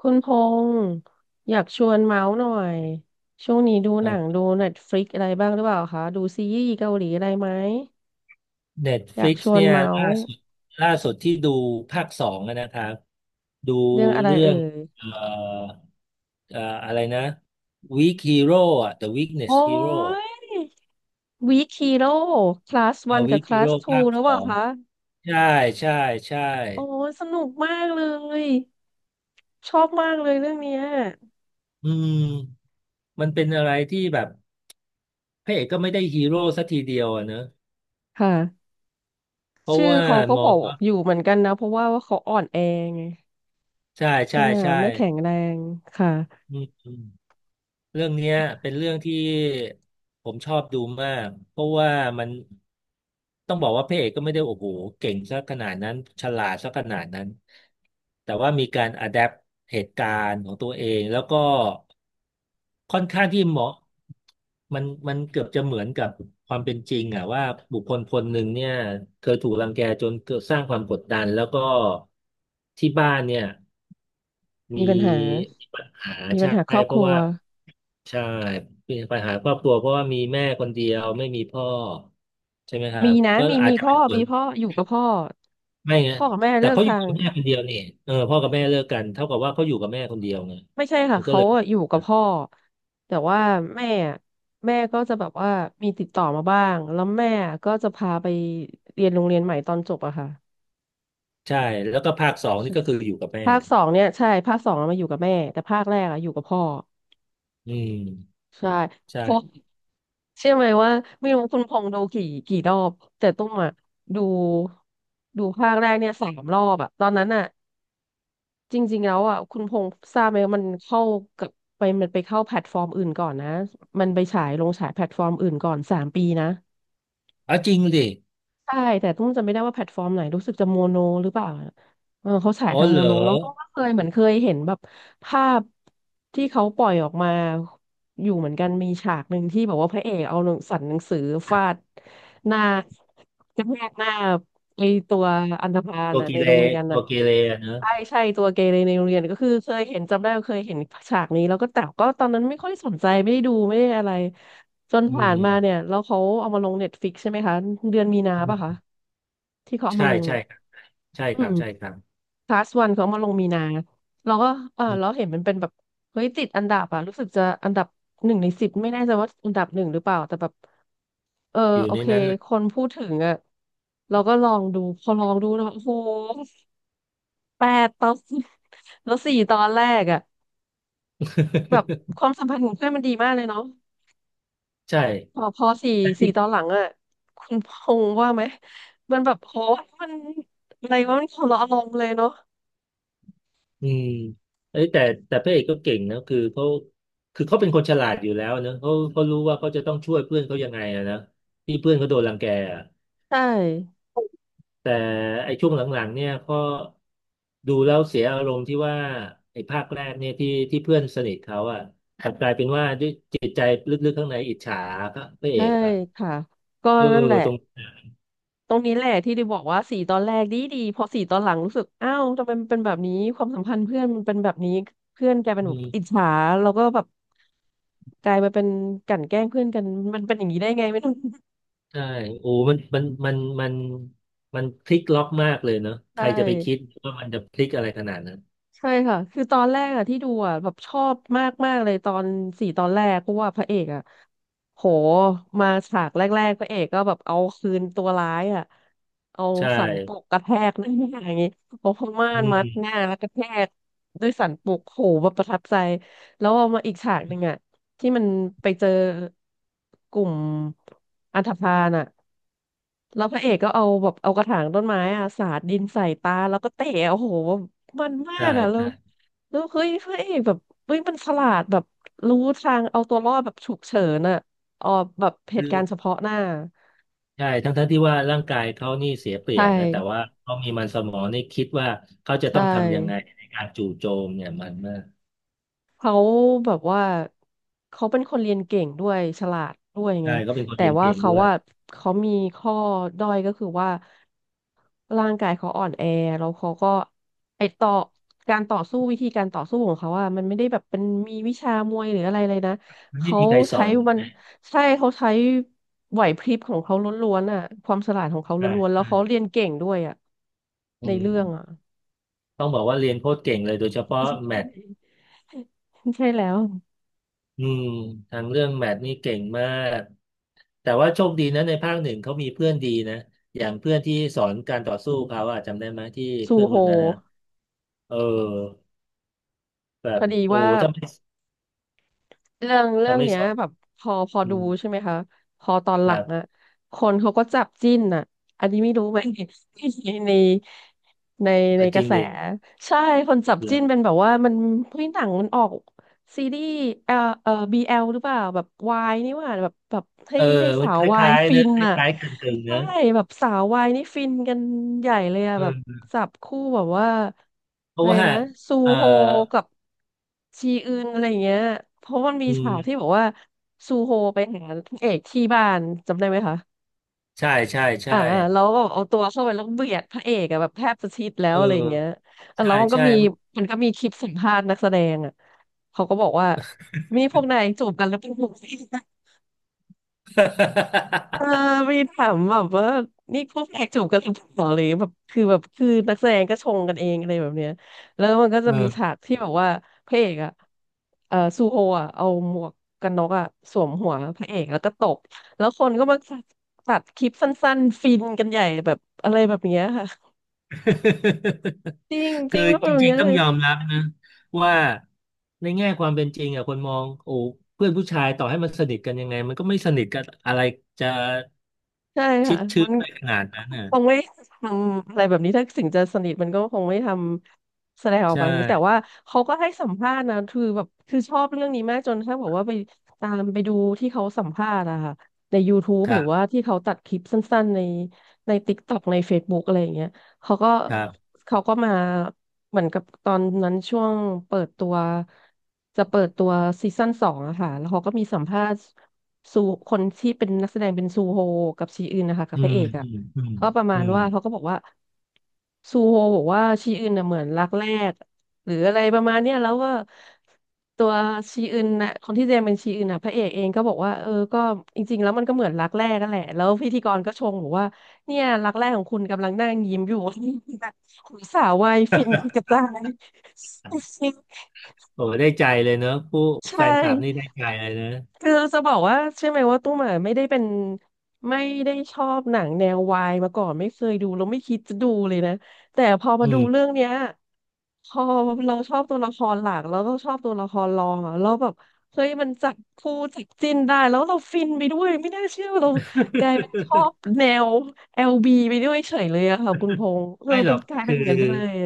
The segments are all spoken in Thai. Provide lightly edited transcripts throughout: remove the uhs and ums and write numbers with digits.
คุณพงษ์อยากชวนเมาส์หน่อยช่วงนี้ดูคหรันังบ ดู Netflix อะไรบ้างหรือเปล่าคะดูซีรีส์เกาหลีอะไรไหมอยาก Netflix ชวนเนี่ยเมาล่าส์สุดล่าสุดที่ดูภาคสองอะนะครับดูเรื่องอะไรเรื่อเอ่งยเอ่อเอ่ออะไรนะ Weak Hero อะ The โอ้ Weakness Hero ยวีคฮีโร่คลาสวันกับ Weak คลา Hero สทูภาคแล้วสเปอล่างคะใช่ใช่ใช่โอ้ยสนุกมากเลยชอบมากเลยเรื่องเนี้ยอืมมันเป็นอะไรที่แบบพระเอกก็ไม่ได้ฮีโร่สักทีเดียวอะเนอะค่ะเพราะชื่อว่าเขาก็มอบองกว่าอยู่เหมือนกันนะเพราะว่าว่าเขาอ่อนแอไงใช่ใช่ใช่ไหมใช่ไม่แข็งแรงค่ะอืม เรื่องเนี้ยเป็นเรื่องที่ผมชอบดูมากเพราะว่ามันต้องบอกว่าพระเอกก็ไม่ได้โอ้โหเก่งซะขนาดนั้นฉลาดซะขนาดนั้นแต่ว่ามีการอะแดปเหตุการณ์ของตัวเองแล้วก็ค่อนข้างที่เหมาะมันเกือบจะเหมือนกับความเป็นจริงอะว่าบุคคลคนหนึ่งเนี่ยเคยถูกรังแกจนเกิดสร้างความกดดันแล้วก็ที่บ้านเนี่ย มีมีปัญหาปัญหามีปัญใช่หาครอบเพคราะรัว ว่าใช่มีปัญหาครอบครัวเพราะว่ามีแม่คนเดียวไม่มีพ่อใช่ไหมครัมีบนะก็มีอาจมีจะพ่อเป็นส่วมีนพ่ออยู่กับพ่อไม่ไงพ่อกับแม่แต่เลิกเขาอยู่ทางกับแม่คนเดียวนี่เออพ่อกับแม่เลิกกันเท่ากับว่าเขาอยู่กับแม่คนเดียวไงไม่ใช่ค่ะมันก็เขาเลยอะอยู่กับพ่อแต่ว่าแม่อะแม่ก็จะแบบว่ามีติดต่อมาบ้างแล้วแม่ก็จะพาไปเรียนโรงเรียนใหม่ตอนจบอะค่ะใช่แล้วก็ภาคสองใช่นี่ก็คืออยู่กับแม่ภาคสองเนี่ยใช่ภาคสองอะมาอยู่กับแม่แต่ภาคแรกอะอยู่กับพ่ออืมใช่เพราะใช่เชื่อไหมว่าไม่รู้คุณพงษ์ดูกี่รอบแต่ตุ้มอะดูดูภาคแรกเนี่ย3 รอบอะตอนนั้นอะ จริงๆแล้วอ่ะคุณพงษ์ทราบไหมว่ามันเข้ากับไปมันไปเข้าแพลตฟอร์มอื่นก่อนนะมันไปฉายแพลตฟอร์มอื่นก่อน3 ปีนะเอาจริงดิใช่แต่ต้องจำไม่ได้ว่าแพลตฟอร์มไหนรู้สึกจะโมโนหรือเปล่าเออเขาฉายอ๋อทางเหรโมอโนแล้วต้องก็เคยเห็นแบบภาพที่เขาปล่อยออกมาอยู่เหมือนกันมีฉากหนึ่งที่แบบว่าพระเอกเอาหนังสันหนังสือฟาดหน้ากระแทกหน้าไอตัวอันธพาลตัวน่ะกีในเลโรงเรีสยนตัน่ะ วกีเลสอะเนอะใช่ใช่ตัวเกเรในโรงเรียนก็คือเคยเห็นจำได้ว่าเคยเห็นฉากนี้แล้วก็แต่ก็ตอนนั้นไม่ค่อยสนใจไม่ได้ดูไม่ได้อะไรจนอืผ่านมาเนี่ยมแล้วเขาเอามาลงเน็ตฟ i ิกใช่ไหมคะเดือนมีนาอืป่ะคะมที่เขาเอาใช่มาลงใช่อ่ะครับใช่อืครับมใช่ครับคลาสวันเขาเอามาลงมีนาเราก็เอออเรามเห็นมันเป็นแบบเฮ้ยติดอันดับอ่ะรู้สึกจะอันดับ1 ใน 10ไม่แน่ใจว่าอันดับหนึ่งหรือเปล่าแต่แบบเอออยู่โอในเคนั้นเลคนพูดถึงอ่ะเราก็ลองดูพอลองดูแล้วโอ้โห8 ตอน แล้ว4 ตอนแรกอ่ะ แบบย ความสัมพันธ์ของเพื่อนมันดีมากเลยเนาะใช่พอสี่แต่สี่ที่ตอนหลังอ่ะคุณพงษ์ว่าไหมมันแบบโหมันอะไรวะมันคนละอารมณ์เลยเนาะอืมเอ้ยแต่พระเอกก็เก่งนะคือเขาคือเขาเป็นคนฉลาดอยู่แล้วเนอะเขาเขารู้ว่าเขาจะต้องช่วยเพื่อนเขายังไงอะนะที่เพื่อนเขาโดนรังแกอะใช่แต่ไอ้ช่วงหลังๆเนี่ยก็ดูแล้วเสียอารมณ์ที่ว่าไอ้ภาคแรกเนี่ยที่ที่เพื่อนสนิทเขาอ่ะกลับกลายเป็นว่าด้วยจิตใจลึกๆข้างในอิจฉาพระเอใช่กอ่ะค่ะก็เออนั่นแหละตรง ตรงนี้แหละที่ได้บอกว่าสี่ตอนแรกดีดีพอสี่ตอนหลังรู้สึกอ้าวทำไมมันเป็นแบบนี้ความสัมพันธ์เพื่อนมันเป็นแบบนี้เพื่อนแกลายเป็นแบบอิจฉาแล้วก็แบบกลายมาเป็นกลั่นแกล้งเพื่อนกันมันเป็นอย่างนี้ได้ไงไม่รู้ ใช่โอ้มันมันพลิกล็อกมากเลยเนาะ ใคใช่ รจะไปคิดว่ามันจะพลิกอะไรขนาดนั้นใช่ค่ะ คือตอนแรกอะที่ดูอะแบบชอบมากมากเลยตอนสี่ตอนแรกเพราะว่าพระเอกอะโหมาฉากแรกๆพระเอกก็แบบเอาคืนตัวร้ายอะเอาใช่สันปกกระแทกหน้าอย่างงี้เอาผ้าม่าอืนมัดหมน้าแล้วกระแทกด้วยสันปกโหแบบประทับใจแล้วเอามาอีกฉากหนึ่งอะ ที่มันไปเจอกลุ่มอันธพาลอะแล้วพระเอกก็เอาแบบเอากระถางต้นไม้อะสาดดินใส่ตา แล้วก็เตะโอ้โหมันมาใช่กอะแล้วใช่แล้วเฮ้ยพระเอกแบบเฮ้ยมันฉลาดแบบรู้ทางเอาตัวรอดแบบฉุกเฉินอะออกแบบเหคืตุอการณ์เฉพาะหน้า ใช่ทั้งที่ว่าร่างกายเขานี่เสียเปรีใช่ ยบนะแต่ว่าเขามีมันสมองนี่คิดว่าเขาจะต้ใช่ องทำยังไงในการจู่โจมเนี่ยมันมากเขาแบบว่าเขาเป็นคนเรียนเก่งด้วยฉลาดด้วยไงใช่เขาเป็นคนแต่เรียนว่าเก่งเขาด้วยว่าเขามีข้อด้อยก็คือว่าร่างกายเขาอ่อนแอแล้วเขาก็ไอต่อการต่อสู้วิธีการต่อสู้ของเขาอะมันไม่ได้แบบเป็นมีวิชามวยหรืออะไรเลยนะมันไม่เขามีใครสใช้อนมันใช่เขาใช้ไหวพริบของเขาล้วนๆอะความฉลาดของเขาใช่ล้วนๆแล้วใช่เขาเรียนเก่งด้วยอะอืในเรื่องอะ มต้องบอกว่าเรียนโคตรเก่งเลยโดยเฉพาะแมท ใช่แล้วอืมทางเรื่องแมทนี่เก่งมาก แต่ว่าโชคดีนะในภาคหนึ่งเขามีเพื่อนดีนะอย่างเพื่อนที่สอนการต่อสู้เขาอะจำได้ไหมที่ซูเพื่อนโฮ คนนั้นอะเออแบพบอดีโอ้ว่าถ้าไม่เรื่องเรื่องเนี้สยอนแบบพออืดูมใช่ไหมคะพอตอนหคลัรังอะบคนเขาก็จับจิ้นอะอันนี้ไม่รู้ไหม ในในในในกจริระงแสดิใช่คนจับจิ้นเป็นแบบว่ามันเฮ้ยหนังมันออก ซีรีส์เอ่อบีเอลหรือเปล่าแบบวายนี่หว่าแบบให้เออให้มัสานคววายล้ายฟิๆนะนคอ่ะล้ายๆกึ่งๆใช่นะแบบสาววายนี่ฟินกันใหญ่เลยอ่ะแบบเออจับคู่แบบว่าเพอะราะไรว่านะซูเออโฮกับชีอึนอะไรอย่างเงี้ยเพราะมันมีอืฉากมที่บอกว่าซูโฮไปหานางเอกที่บ้านจำได้ไหมคะ ใช่ใช่ใช่แล้วแบบเอาตัวเข้าไปแล้วเบียดพระเอกอะแบบแทบจะชิดแล้เอวออะไรอย่างเงี้ยอ่ะใช่แล้วใช่ มันก็มีคลิปสัมภาษณ์นักแสดงอะเขาก็บอกว่ามีพวกนายจูบกันหรือเปล่า เออ มีถามแบบว่านี่ควกแขกงจูบกันหรือเปล่าอะไรอย่างเลยแบบคือนักแสดงก็ชงกันเองอะไรแบบเนี้ยแล้วมันก็จะมีฉาเออ กที่แบบว่าพระเอกอ่ะเออซูโฮอ่ะเอาหมวกกันน็อกอ่ะสวมหัวพระเอกแล้วก็ตบแล้วคนก็มาตัดตัดคลิปสั้นๆฟินกันใหญ่แบบอะไรแบบเนี้ยค่ะจริงจคืริองว่าแบจบริงเนี้ย ๆต้องยอมรับนะว่าในแง่ความเป็นจริงอ่ะคนมองโอ้เพื่อนผู้ชายต่อให้มันสนิทกันยังไงมันก็ไม่สนิทกันอะไรจะใช่ชิค่ะดชื้มันนไปขนาดนั้นน่ะคงไม่ทำอะไรแบบนี้ถ้าถึงจะสนิทมันก็คงไม่ทำแสดงออกใชมาอย่างนี้แต่่ว่าเขาก็ให้สัมภาษณ์นะคือแบบคือชอบเรื่องนี้มากจนถ้าบอกว่าไปตามไปดูที่เขาสัมภาษณ์อะค่ะใน YouTube คหรัรือว่าบที่เขาตัดคลิปสั้นๆใน TikTok ใน Facebook อะไรอย่างเงี้ยเขาก็ครับเขาก็มาเหมือนกับตอนนั้นช่วงเปิดตัวจะเปิดตัวซีซั่นสองอะค่ะแล้วเขาก็มีสัมภาษณ์ ซูคนที่เป็นนักแสดงเป็นซูโฮกับชีอึนนะคะกับอืพระมเอกอ่ะอืมอืมเขาก็ประมาอืณมว่าเขาก็บอกว่าซูโฮบอกว่าชีอึนน่ะเหมือนรักแรกหรืออะไรประมาณเนี้ยแล้วก็ตัวชีอึนน่ะคนที่แสดงเป็นชีอึนน่ะพระเอกเองก็บอกว่าเออก็จริงๆแล้วมันก็เหมือนรักแรกนั่นแหละแล้วพิธีกรก็ชงบอกว่าเนี่ยรักแรกของคุณกำลังนั่งยิ้มอยู่ คุณสาววายฟินกระจาย โอ้ได้ใจเลยเนอะผู้ใชแฟนคลับนี่ได้่ ใจเลยนะคือจะบอกว่าใช่ไหมว่าตุ้มอ่ะไม่ได้ชอบหนังแนววายมาก่อนไม่เคยดูแล้วไม่คิดจะดูเลยนะแต่พอมาอืดูเรื่อมงเนี้ยพอเราชอบตัวละครหลักแล้วก็ชอบตัวละครรองอ่ะแล้วแบบเฮ้ยมันจับคู่จับจิ้นได้แล้วเราฟินไปด้วยไม่น่าเชื่อว่าเรากลายเป็นชอบแนว LB ไปด้วยเฉยเลยอะค่ะคุณพงษ์เออไม่หรมันอกกลายเป็คืนอ เงินไปเลย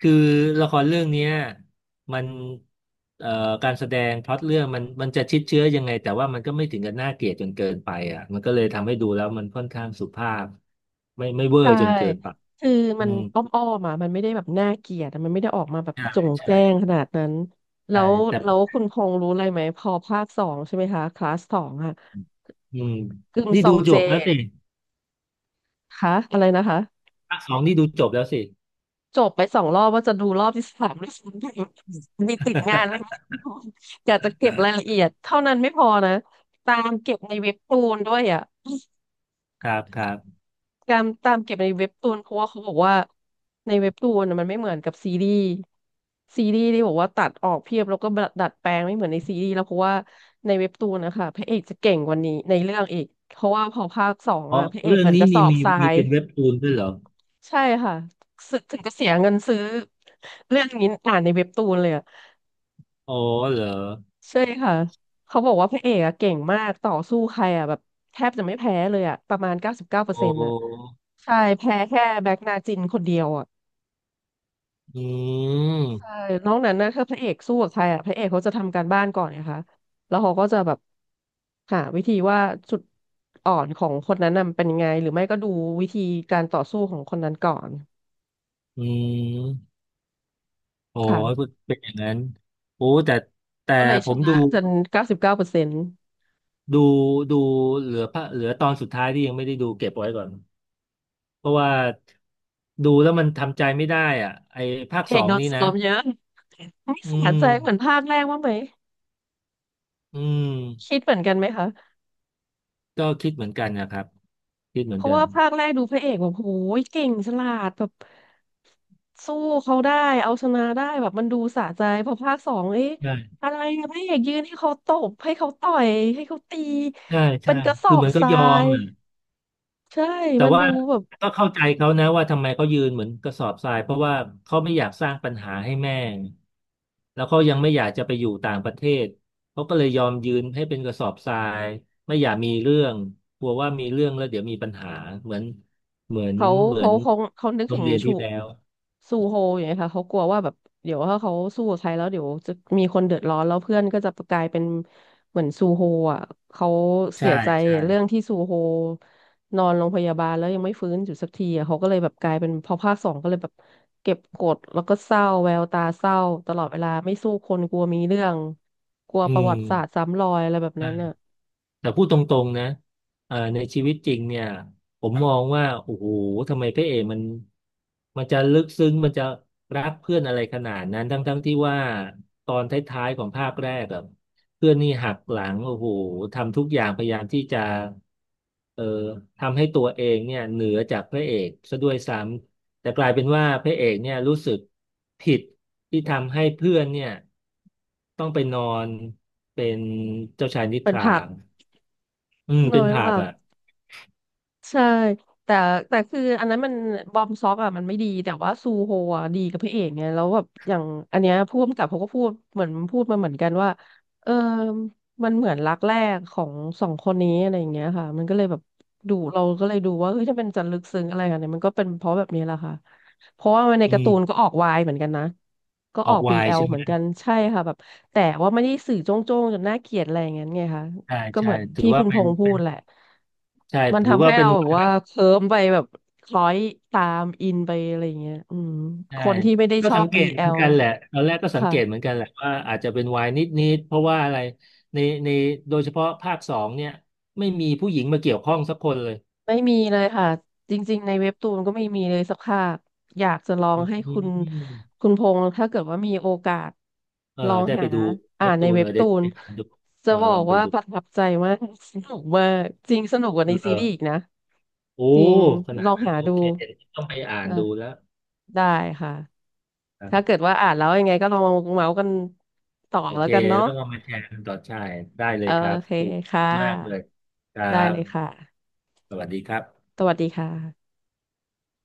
คือละครเรื่องเนี้ยมันเอ่อการแสดงพล็อตเรื่องมันจะชิดเชื้อยังไงแต่ว่ามันก็ไม่ถึงกับน่าเกลียดจนเกินไปอ่ะมันก็เลยทำให้ดูแล้วมันค่อนข้างสุภาพไม่เวอใช่ ร์จนเกินไปคืออืมันมอ้อมอ้อมอ่ะมันไม่ได้แบบน่าเกลียดอะมันไม่ได้ออกมาแบบใช่โจ่งใช่แจ้งขนาดนั้น แล้ใช่วแต่แล้วคุณพงษ์รู้อะไรไหมพอภาคสองใช่ไหมคะคลาสสองอ่ะอืมกึมนี่ซอดูงจเจบแล้วสิคะอะไรนะคะภาคสองนี่ดูจบแล้วสิ จบไปสองรอบว่าจะดูรอบที่สามด้วยซ้ำ ไปมีติดงานอะไรไหมรู้อยากจะเก็บรายละเอียดเท่านั้นไม่พอนะตามเก็บในเว็บตูนด้วยอ่ะ ครับครับการตามเก็บในเว็บตูนเพราะว่าเขาบอกว่าในเว็บตูนน่ะมันไม่เหมือนกับซีรีส์ซีรีส์ที่บอกว่าตัดออกเพียบแล้วก็ดัดแปลงไม่เหมือนในซีรีส์แล้วเพราะว่าในเว็บตูนนะคะพระเอกจะเก่งกว่านี้ในเรื่องอีกเพราะว่าพอภาคสองเพอะราะพระเอกเรื่อเหงมือนกนี้ระสมีอบมีทรามียเป็นเว็บตูนด้วยเหรอใช่ค่ะซึถึงจะเสียเงินซื้อเรื่องนี้อ่านในเว็บตูนเลยอะอ๋อเหรอใช่ค่ะเขาบอกว่าพระเอกอะเก่งมากต่อสู้ใครอะแบบแทบจะไม่แพ้เลยอะประมาณเก้าสิบเก้าเปอโอร์เซ็นต์อะ้ใช่แพ้แค่แบ็กนาจินคนเดียวอะ อืใช่มนอกนั้นนะถ้าพระเอกสู้กับใครอ่ะพระเอกเขาจะทำการบ้านก่อนไงคะแล้วเขาก็จะแบบหาวิธีว่าจุดอ่อนของคนนั้นน่ะมันเป็นยังไงหรือไม่ก็ดูวิธีการต่อสู้ของคนนั้นก่อนอืม โอ้ยค่ะเป็นอย่างนั้นโอ้แต่แต่ก็เลยผชมนะจนเก้าสิบเก้าเปอร์เซ็นต์ดูดูเหลือตอนสุดท้ายที่ยังไม่ได้ดูเก็บไว้ก่อนเพราะว่าดูแล้วมันทำใจไม่ได้อ่ะไอ้ภาคเอสอกงโดนนี่นะซ้อมเยอะ นี่อืสะใจเหมือนมภาคแรกว่างไหมอืมคิดเหมือนกันไหมคะ ก็คิดเหมือนกันนะครับคิดเหมืเพอนราะกันว่าภาคแรกดูพระเอกแบบโหยเก่งฉลาดแบบสู้เขาได้เอาชนะได้แบบมันดูสะใจพอภาคสองเอ๊ะใช่อะไรอะพระเอกยืนให้เขาตบให้เขาต่อยให้เขาตีใช่เป็ใช่นกระสอคือเหบมือนทก็รายอมยอ่ะ ใช่แต่มันว่าดูแบบ ก็เข้าใจเขานะว่าทำไมเขายืนเหมือนกระสอบทรายเพราะว่าเขาไม่อยากสร้างปัญหาให้แม่แล้วเขายังไม่อยากจะไปอยู่ต่างประเทศเขาก็เลยยอมยืนให้เป็นกระสอบทรายไม่อยากมีเรื่องกลัวว่ามีเรื่องแล้วเดี๋ยวมีปัญหาเหมือนเหมือนเขาเหมือเขานเขาเขานึกโรถึงงเรียนชูที่แล้วซูโฮอย่างเงี้ยค่ะเขากลัวว่าแบบเดี๋ยวถ้าเขาสู้กับใครแล้วเดี๋ยวจะมีคนเดือดร้อนแล้วเพื่อนก็จะกลายเป็นเหมือนซูโฮอ่ะเขาเสีใช่ยใจใช่เรื่องที่ซูโฮนอนโรงพยาบาลแล้วยังไม่ฟื้นอยู่สักทีอะเขาก็เลยแบบกลายเป็นพอภาคสองก็เลยแบบเก็บกดแล้วก็เศร้าแววตาเศร้าตลอดเวลาไม่สู้คนกลัวมีเรื่องกลัวอืประมวัติศาสตร์ซ้ำรอยอะไรแบบใช่ นั้นอ่ะแต่พูดตรงๆนะในชีวิตจริงเนี่ยผมมองว่าโอ้โหทำไมพระเอกมันจะลึกซึ้งมันจะรักเพื่อนอะไรขนาดนั้นทั้งๆที่ว่าตอนท้ายๆของภาคแรกอะเพื่อนนี่หักหลังโอ้โหทำทุกอย่างพยายามที่จะเอ่อทำให้ตัวเองเนี่ยเหนือจากพระเอกซะด้วยซ้ำแต่กลายเป็นว่าพระเอกเนี่ยรู้สึกผิดที่ทำให้เพื่อนเนี่ยต้องไปนอนเป็นเจ้าชายนิทเป็นรา ผักอืมเนเป็นยเป็นผับผัก อ่ะใช่แต่แต่คืออันนั้นมันบอมซ็อกอ่ะมันไม่ดีแต่ว่าซูโฮอ่ะดีกับพระเอกไงแล้วแบบอย่างอันเนี้ยผู้กำกับเขาก็พูดเหมือนพูดมาเหมือนกันว่าเออมันเหมือนรักแรกของสองคนนี้อะไรอย่างเงี้ยค่ะมันก็เลยแบบดูเราก็เลยดูว่าเฮ้ยถ้าเป็นจะลึกซึ้งอะไรกันเนี่ยมันก็เป็นเพราะแบบนี้แหละค่ะเพราะว่าในอืการ์ตูนมก็ออกวายเหมือนกันนะก็ออออกก ไวน์ BL ใช่ไหเหมมือนกันใช่ค่ะแบบแต่ว่าไม่ได้สื่อโจ้งๆจนน่าเกลียดอะไรอย่างเงี้ยไงคะ ใช่ก็เหใช่มือนถือที่ว่าคุณพเป็นงษ์พูเป็ดนแหละใช่มันถือทำว่าให้เป็นเราแบไวบน์แบว่าบเคลิ้มไปแบบคล้อยตามอินไปอะไรอย่างเงี้ยอืมใช่คนที่ไม่ได้ก็ชอสับ งเกตเหมือน BL กันแหละตอนแรกก็สังค่ะเกตเหมือนกันแหละว่าอาจจะเป็นไวน์นิดๆเพราะว่าอะไรในในโดยเฉพาะภาคสองเนี่ยไม่มีผู้หญิงมาเกี่ยวข้องสักคนเลยไม่มีเลยค่ะจริงๆในเว็บตูนก็ไม่มีเลยสักภาคอยากจะลองอืให้คุณมคุณพงษ์ถ้าเกิดว่ามีโอกาสเออลองได้ไปหาดูอ่าเว็บนในตูนเว็เอบอได้ตูนไปหาดูจะเออบอลอกงไปว่าดูประทับใจมาก สนุกมากจริงสนุกกว่าในเอซีอรีส์อีกนะโอ้จริงขนาลดองนั้นหาโอดูเคเดี๋ยวต้องไปอ่านดูอ่ะแล้ว ได้ค่ะ ถ้าเกิดว่าอ่านแล้วยังไงก็ลองมาเมาส์กันต่อโอแล้เค วกันเนาะแล้วก็มาแชร์กันต่อใช่ได้เลเอยอครัโอบเคถูกค่มากเลยะครัได้บ เลยค่ะสวัสดีครับสวัสดีค่ะ